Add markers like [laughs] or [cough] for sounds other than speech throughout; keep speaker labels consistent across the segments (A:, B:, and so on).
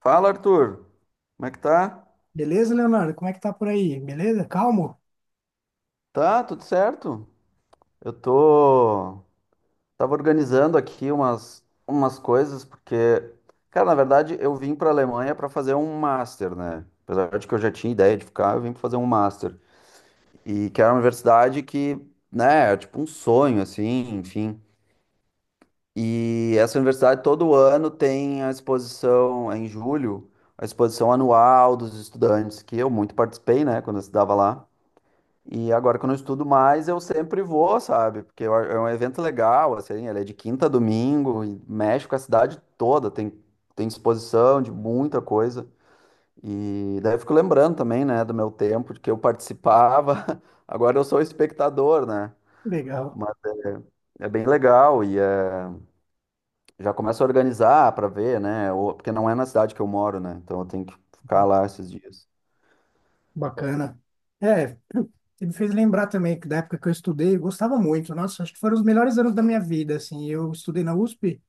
A: Fala, Arthur. Como é que tá?
B: Beleza, Leonardo? Como é que tá por aí? Beleza? Calmo?
A: Tá, tudo certo. Eu tô. Tava organizando aqui umas coisas, porque, cara, na verdade, eu vim pra Alemanha pra fazer um master, né? Apesar de que eu já tinha ideia de ficar, eu vim pra fazer um master. E que era uma universidade que, né, é tipo um sonho, assim, enfim. E essa universidade todo ano tem a exposição, é em julho, a exposição anual dos estudantes, que eu muito participei, né, quando eu estudava lá. E agora que eu não estudo mais, eu sempre vou, sabe? É um evento legal, assim, ele é de quinta a domingo e mexe com a cidade toda, tem exposição de muita coisa. E daí eu fico lembrando também, né, do meu tempo, de que eu participava, [laughs] agora eu sou espectador, né?
B: Legal.
A: Mas é bem legal e é, já começo a organizar para ver, né? Porque não é na cidade que eu moro, né? Então eu tenho que ficar lá esses dias.
B: Bacana. É, [clears throat] você me fez lembrar também que da época que eu estudei, eu gostava muito. Nossa, acho que foram os melhores anos da minha vida, assim. Eu estudei na USP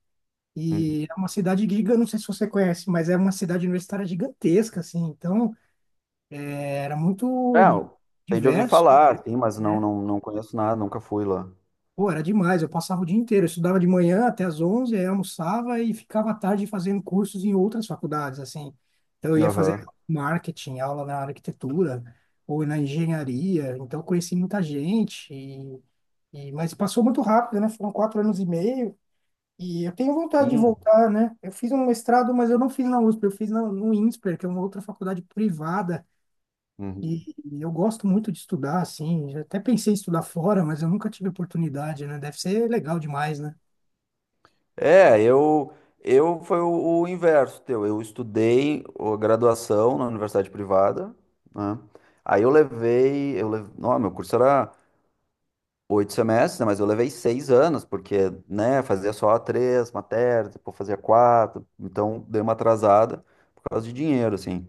A: Uhum.
B: e é uma cidade giga, não sei se você conhece, mas é uma cidade universitária gigantesca, assim. Então, era muito
A: É, eu tenho de ouvir
B: diverso,
A: falar, assim, mas não,
B: né?
A: não, não conheço nada, nunca fui lá.
B: Pô, era demais, eu passava o dia inteiro, eu estudava de manhã até as 11, aí almoçava e ficava à tarde fazendo cursos em outras faculdades, assim. Então, eu ia fazer
A: Aham.
B: marketing, aula na arquitetura ou na engenharia, então eu conheci muita gente, e, mas passou muito rápido, né? Foram quatro anos e meio, e eu tenho vontade de
A: Sim.
B: voltar, né? Eu fiz um mestrado, mas eu não fiz na USP, eu fiz no INSPER, que é uma outra faculdade privada,
A: Uhum.
B: e e eu gosto muito de estudar, assim. Já até pensei em estudar fora, mas eu nunca tive oportunidade, né? Deve ser legal demais, né?
A: É, eu foi o inverso teu. Eu estudei graduação na universidade privada, né? Aí eu levei. Não, meu curso era 8 semestres, né? Mas eu levei 6 anos, porque, né, fazia só três matérias, depois fazia quatro, então dei uma atrasada por causa de dinheiro, assim.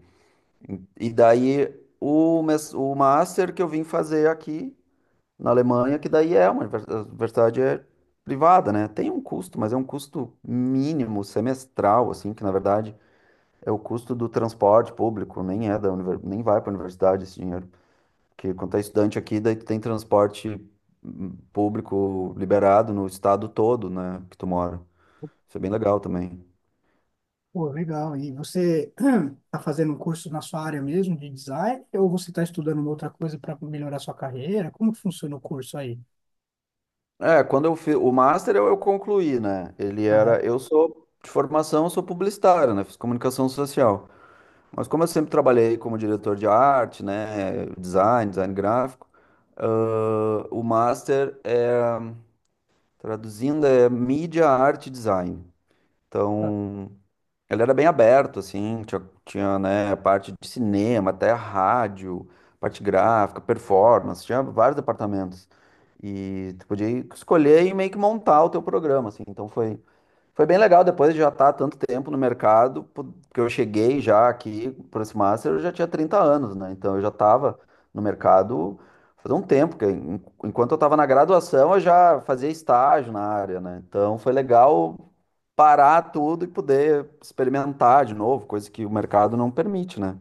A: E daí o master que eu vim fazer aqui na Alemanha, que daí é uma a universidade é privada, né? Tem um custo, mas é um custo mínimo semestral, assim, que na verdade é o custo do transporte público, nem vai para a universidade esse dinheiro. Porque quando é estudante aqui, daí tu tem transporte público liberado no estado todo, né, que tu mora. Isso é bem legal também.
B: Pô, legal. E você [clears throat] tá fazendo um curso na sua área mesmo de design, ou você está estudando uma outra coisa para melhorar sua carreira? Como que funciona o curso aí?
A: É, quando eu fiz o master eu concluí, né?
B: Aham,
A: Eu sou de formação, eu sou publicitário, né? Fiz comunicação social. Mas como eu sempre trabalhei como diretor de arte, né, design gráfico, o master é, traduzindo, é mídia, arte e design.
B: tá.
A: Então, ele era bem aberto, assim, tinha, né, a parte de cinema, até rádio, parte gráfica, performance, tinha vários departamentos. E tu podia escolher e meio que montar o teu programa, assim. Então, foi bem legal depois de já estar há tanto tempo no mercado, porque eu cheguei já aqui para esse Master, eu já tinha 30 anos, né? Então eu já estava no mercado faz um tempo, porque enquanto eu estava na graduação eu já fazia estágio na área, né? Então foi legal parar tudo e poder experimentar de novo, coisa que o mercado não permite, né?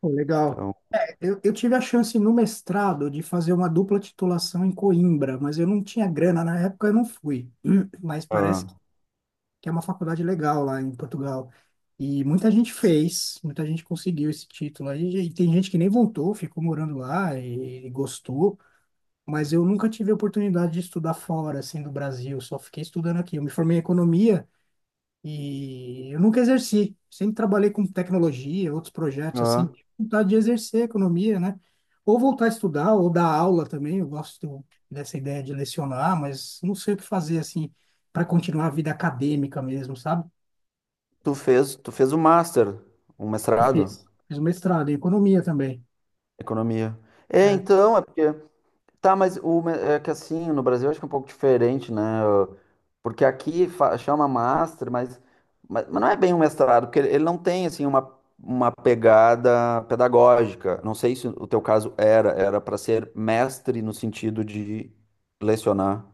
B: Pô, legal.
A: Então,
B: Eu tive a chance no mestrado de fazer uma dupla titulação em Coimbra, mas eu não tinha grana na época, eu não fui. [clears throat] Mas parece
A: ah,
B: que é uma faculdade legal lá em Portugal. E muita gente fez, muita gente conseguiu esse título aí. E tem gente que nem voltou, ficou morando lá e gostou. Mas eu nunca tive a oportunidade de estudar fora, assim, do Brasil. Só fiquei estudando aqui. Eu me formei em economia e eu nunca exerci. Sempre trabalhei com tecnologia, outros projetos, assim.
A: ah.
B: Tive vontade de exercer a economia, né? Ou voltar a estudar, ou dar aula também. Eu gosto dessa ideia de lecionar, mas não sei o que fazer, assim, para continuar a vida acadêmica mesmo, sabe?
A: Tu fez o Master, um
B: Eu
A: mestrado
B: fiz. Fiz mestrado em economia também.
A: em economia. É,
B: É.
A: então, é porque Tá, mas é que assim, no Brasil acho que é um pouco diferente, né? Porque aqui chama master, mas, mas não é bem um mestrado, porque ele não tem, assim, uma pegada pedagógica. Não sei se o teu caso era para ser mestre no sentido de lecionar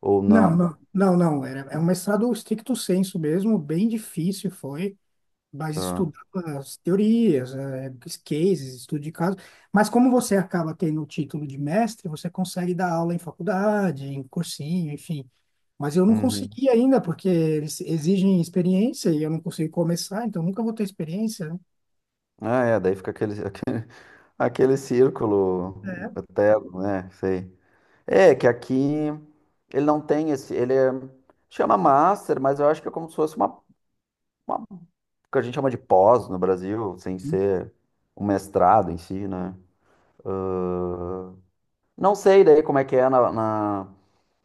A: ou
B: Não,
A: não.
B: não, não, não. Era, é um mestrado stricto sensu mesmo, bem difícil foi, mas
A: Tá.
B: estudando as teorias, os cases, estudo de caso. Mas como você acaba tendo o título de mestre, você consegue dar aula em faculdade, em cursinho, enfim. Mas eu não
A: Uhum.
B: consegui ainda, porque eles exigem experiência e eu não consigo começar, então nunca vou ter experiência, né?
A: Ah, é, daí fica aquele, [laughs] aquele círculo eterno, né? Sei. É, que aqui ele não tem esse. Chama master, mas eu acho que é como se fosse uma, uma- que a gente chama de pós no Brasil, sem ser um mestrado em si, né? Não sei daí como é que é na, na,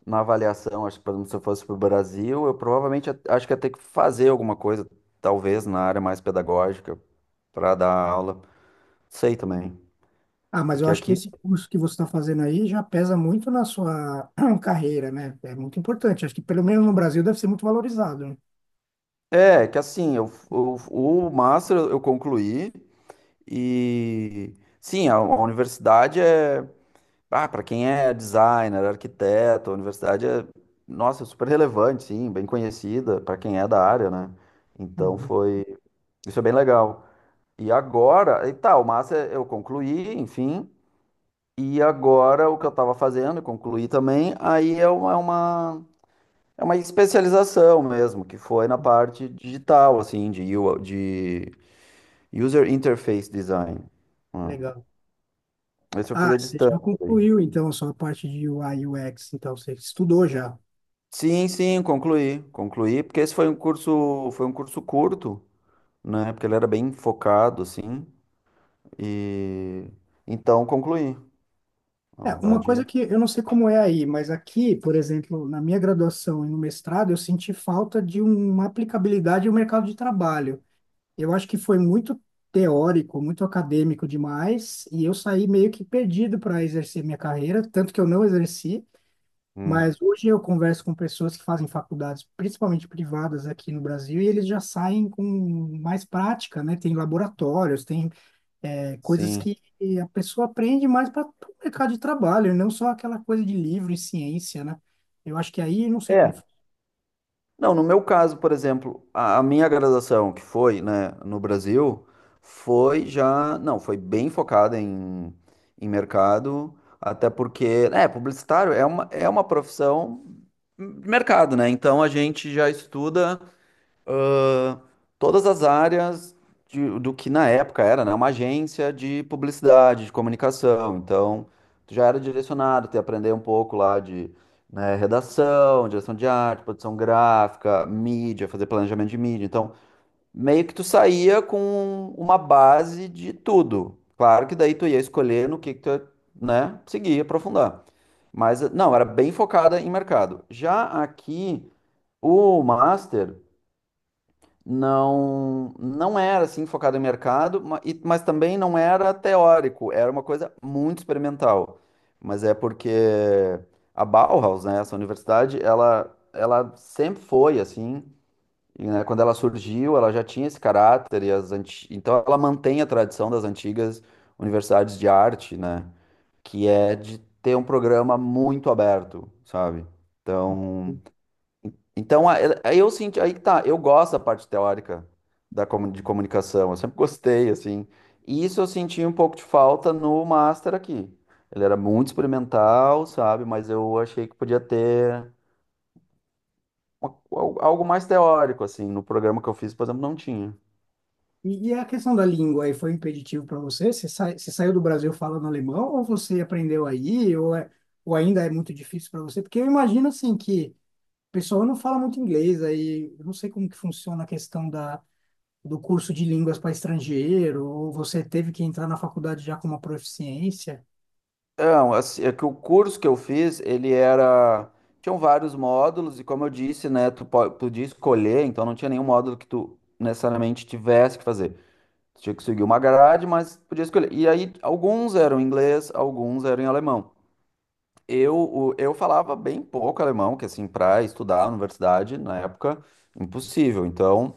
A: na avaliação. Acho que, por exemplo, se eu fosse para o Brasil, eu provavelmente acho que ia ter que fazer alguma coisa, talvez na área mais pedagógica, para dar aula. Sei também.
B: Ah, mas eu
A: Porque
B: acho que
A: aqui.
B: esse curso que você está fazendo aí já pesa muito na sua [clears throat] carreira, né? É muito importante. Acho que pelo menos no Brasil deve ser muito valorizado, né?
A: É, que assim, eu, o master eu concluí. E sim, a universidade é, para quem é designer, arquiteto, a universidade é, nossa, super relevante, sim, bem conhecida para quem é da área, né? Então
B: Uhum.
A: foi, isso é bem legal. E agora, e tá, eu concluí, enfim, e agora o que eu estava fazendo, eu concluí também, aí é uma especialização mesmo, que foi na parte digital, assim, de, I de User Interface Design, né?
B: Legal.
A: Esse eu fiz
B: Ah,
A: à
B: você já
A: distância daí.
B: concluiu então a sua parte de UI UX, então você estudou já.
A: Sim, sim, concluí. Concluí, porque esse foi um curso curto, né? Porque ele era bem focado, assim. E então concluí. Na
B: É, uma coisa
A: verdade,
B: que eu não sei como é aí, mas aqui, por exemplo, na minha graduação e no mestrado, eu senti falta de uma aplicabilidade no mercado de trabalho. Eu acho que foi muito teórico, muito acadêmico demais, e eu saí meio que perdido para exercer minha carreira, tanto que eu não exerci,
A: hum,
B: mas hoje eu converso com pessoas que fazem faculdades, principalmente privadas aqui no Brasil, e eles já saem com mais prática, né? Tem laboratórios, tem, é, coisas
A: sim.
B: que a pessoa aprende mais para o mercado de trabalho, e não só aquela coisa de livro e ciência, né? Eu acho que aí não sei como
A: É.
B: foi.
A: Não, no meu caso, por exemplo, a minha graduação, que foi, né, no Brasil, foi já. Não, foi bem focada em mercado, até porque, né, publicitário é uma profissão de mercado, né? Então a gente já estuda, todas as áreas do que na época era, né, uma agência de publicidade, de comunicação. Então, tu já era direcionado, tu ia aprender um pouco lá de, né, redação, direção de arte, produção gráfica, mídia, fazer planejamento de mídia. Então, meio que tu saía com uma base de tudo. Claro que daí tu ia escolher no que tu ia, né, seguir, aprofundar. Mas, não, era bem focada em mercado. Já aqui, o master não era assim focado em mercado, mas também não era teórico, era uma coisa muito experimental. Mas é porque a Bauhaus, né, essa universidade, ela sempre foi assim, e, né, quando ela surgiu, ela já tinha esse caráter então ela mantém a tradição das antigas universidades de arte, né, que é de ter um programa muito aberto, sabe? Então, então, aí eu senti, aí que tá, eu gosto da parte teórica de comunicação, eu sempre gostei, assim, e isso eu senti um pouco de falta no Master aqui. Ele era muito experimental, sabe, mas eu achei que podia ter algo mais teórico, assim, no programa que eu fiz, por exemplo, não tinha.
B: E a questão da língua aí foi impeditivo para você? Você, sai, você saiu do Brasil falando alemão ou você aprendeu aí? Ou, é, ou ainda é muito difícil para você? Porque eu imagino assim que o pessoal não fala muito inglês aí. Eu não sei como que funciona a questão da, do curso de línguas para estrangeiro. Ou você teve que entrar na faculdade já com uma proficiência?
A: Não, assim, é que o curso que eu fiz, tinham vários módulos, e como eu disse, né, tu podia escolher, então não tinha nenhum módulo que tu necessariamente tivesse que fazer. Tinha que seguir uma grade, mas podia escolher. E aí, alguns eram em inglês, alguns eram em alemão. Eu falava bem pouco alemão, que assim, para estudar na universidade, na época, impossível. Então,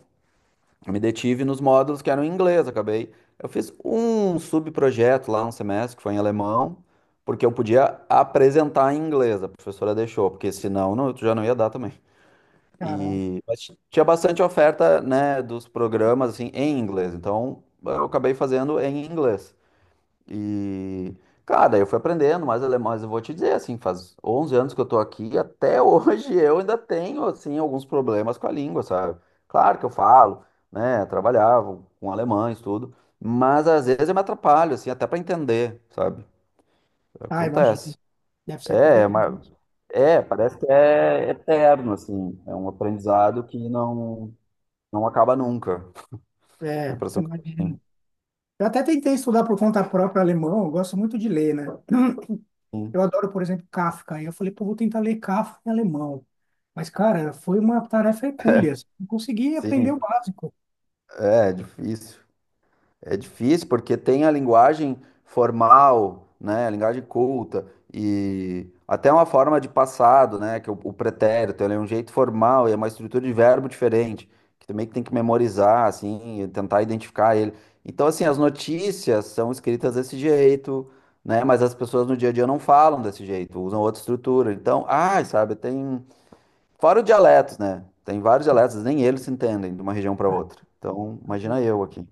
A: eu me detive nos módulos que eram em inglês, acabei. Eu fiz um subprojeto lá, um semestre, que foi em alemão, porque eu podia apresentar em inglês, a professora deixou, porque senão não, tu já não ia dar também.
B: Caramba.
A: E mas tinha bastante oferta, né, dos programas assim em inglês. Então, eu acabei fazendo em inglês. E, cara, daí eu fui aprendendo mais alemão, mas eu vou te dizer, assim, faz 11 anos que eu tô aqui, até hoje [laughs] eu ainda tenho, assim, alguns problemas com a língua, sabe? Claro que eu falo, né, trabalhava com alemães, tudo, mas às vezes eu me atrapalho, assim, até pra entender, sabe?
B: Ah, imagino.
A: Acontece.
B: Deve ser
A: É,
B: complicado.
A: mas, é, parece que é eterno, assim, é um aprendizado que não acaba nunca, [laughs] a
B: É,
A: impressão que eu
B: imagino.
A: tenho.
B: Eu até tentei estudar por conta própria alemão. Eu gosto muito de ler, né?
A: Sim,
B: Eu adoro, por exemplo, Kafka. E eu falei, pô, vou tentar ler Kafka em alemão. Mas, cara, foi uma tarefa hercúlea. Não consegui aprender o
A: sim,
B: básico.
A: é difícil. É difícil porque tem a linguagem formal, né, a linguagem culta e até uma forma de passado, né, que é o pretérito, ele é um jeito formal e é uma estrutura de verbo diferente, que também tem que memorizar, assim, e tentar identificar ele. Então, assim, as notícias são escritas desse jeito, né, mas as pessoas no dia a dia não falam desse jeito, usam outra estrutura. Então, ai, sabe, tem fora os dialetos, né? Tem vários dialetos, nem eles se entendem de uma região para
B: Ah,
A: outra. Então, imagina
B: não,
A: eu aqui.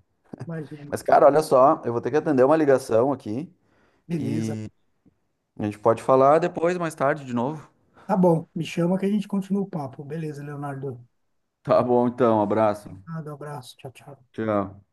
B: imagina.
A: Mas, cara, olha só, eu vou ter que atender uma ligação aqui
B: Beleza.
A: e a gente pode falar depois, mais tarde, de novo.
B: Tá bom, me chama que a gente continua o papo. Beleza, Leonardo.
A: Tá bom, então, abraço.
B: Obrigado, abraço. Tchau, tchau.
A: Tchau.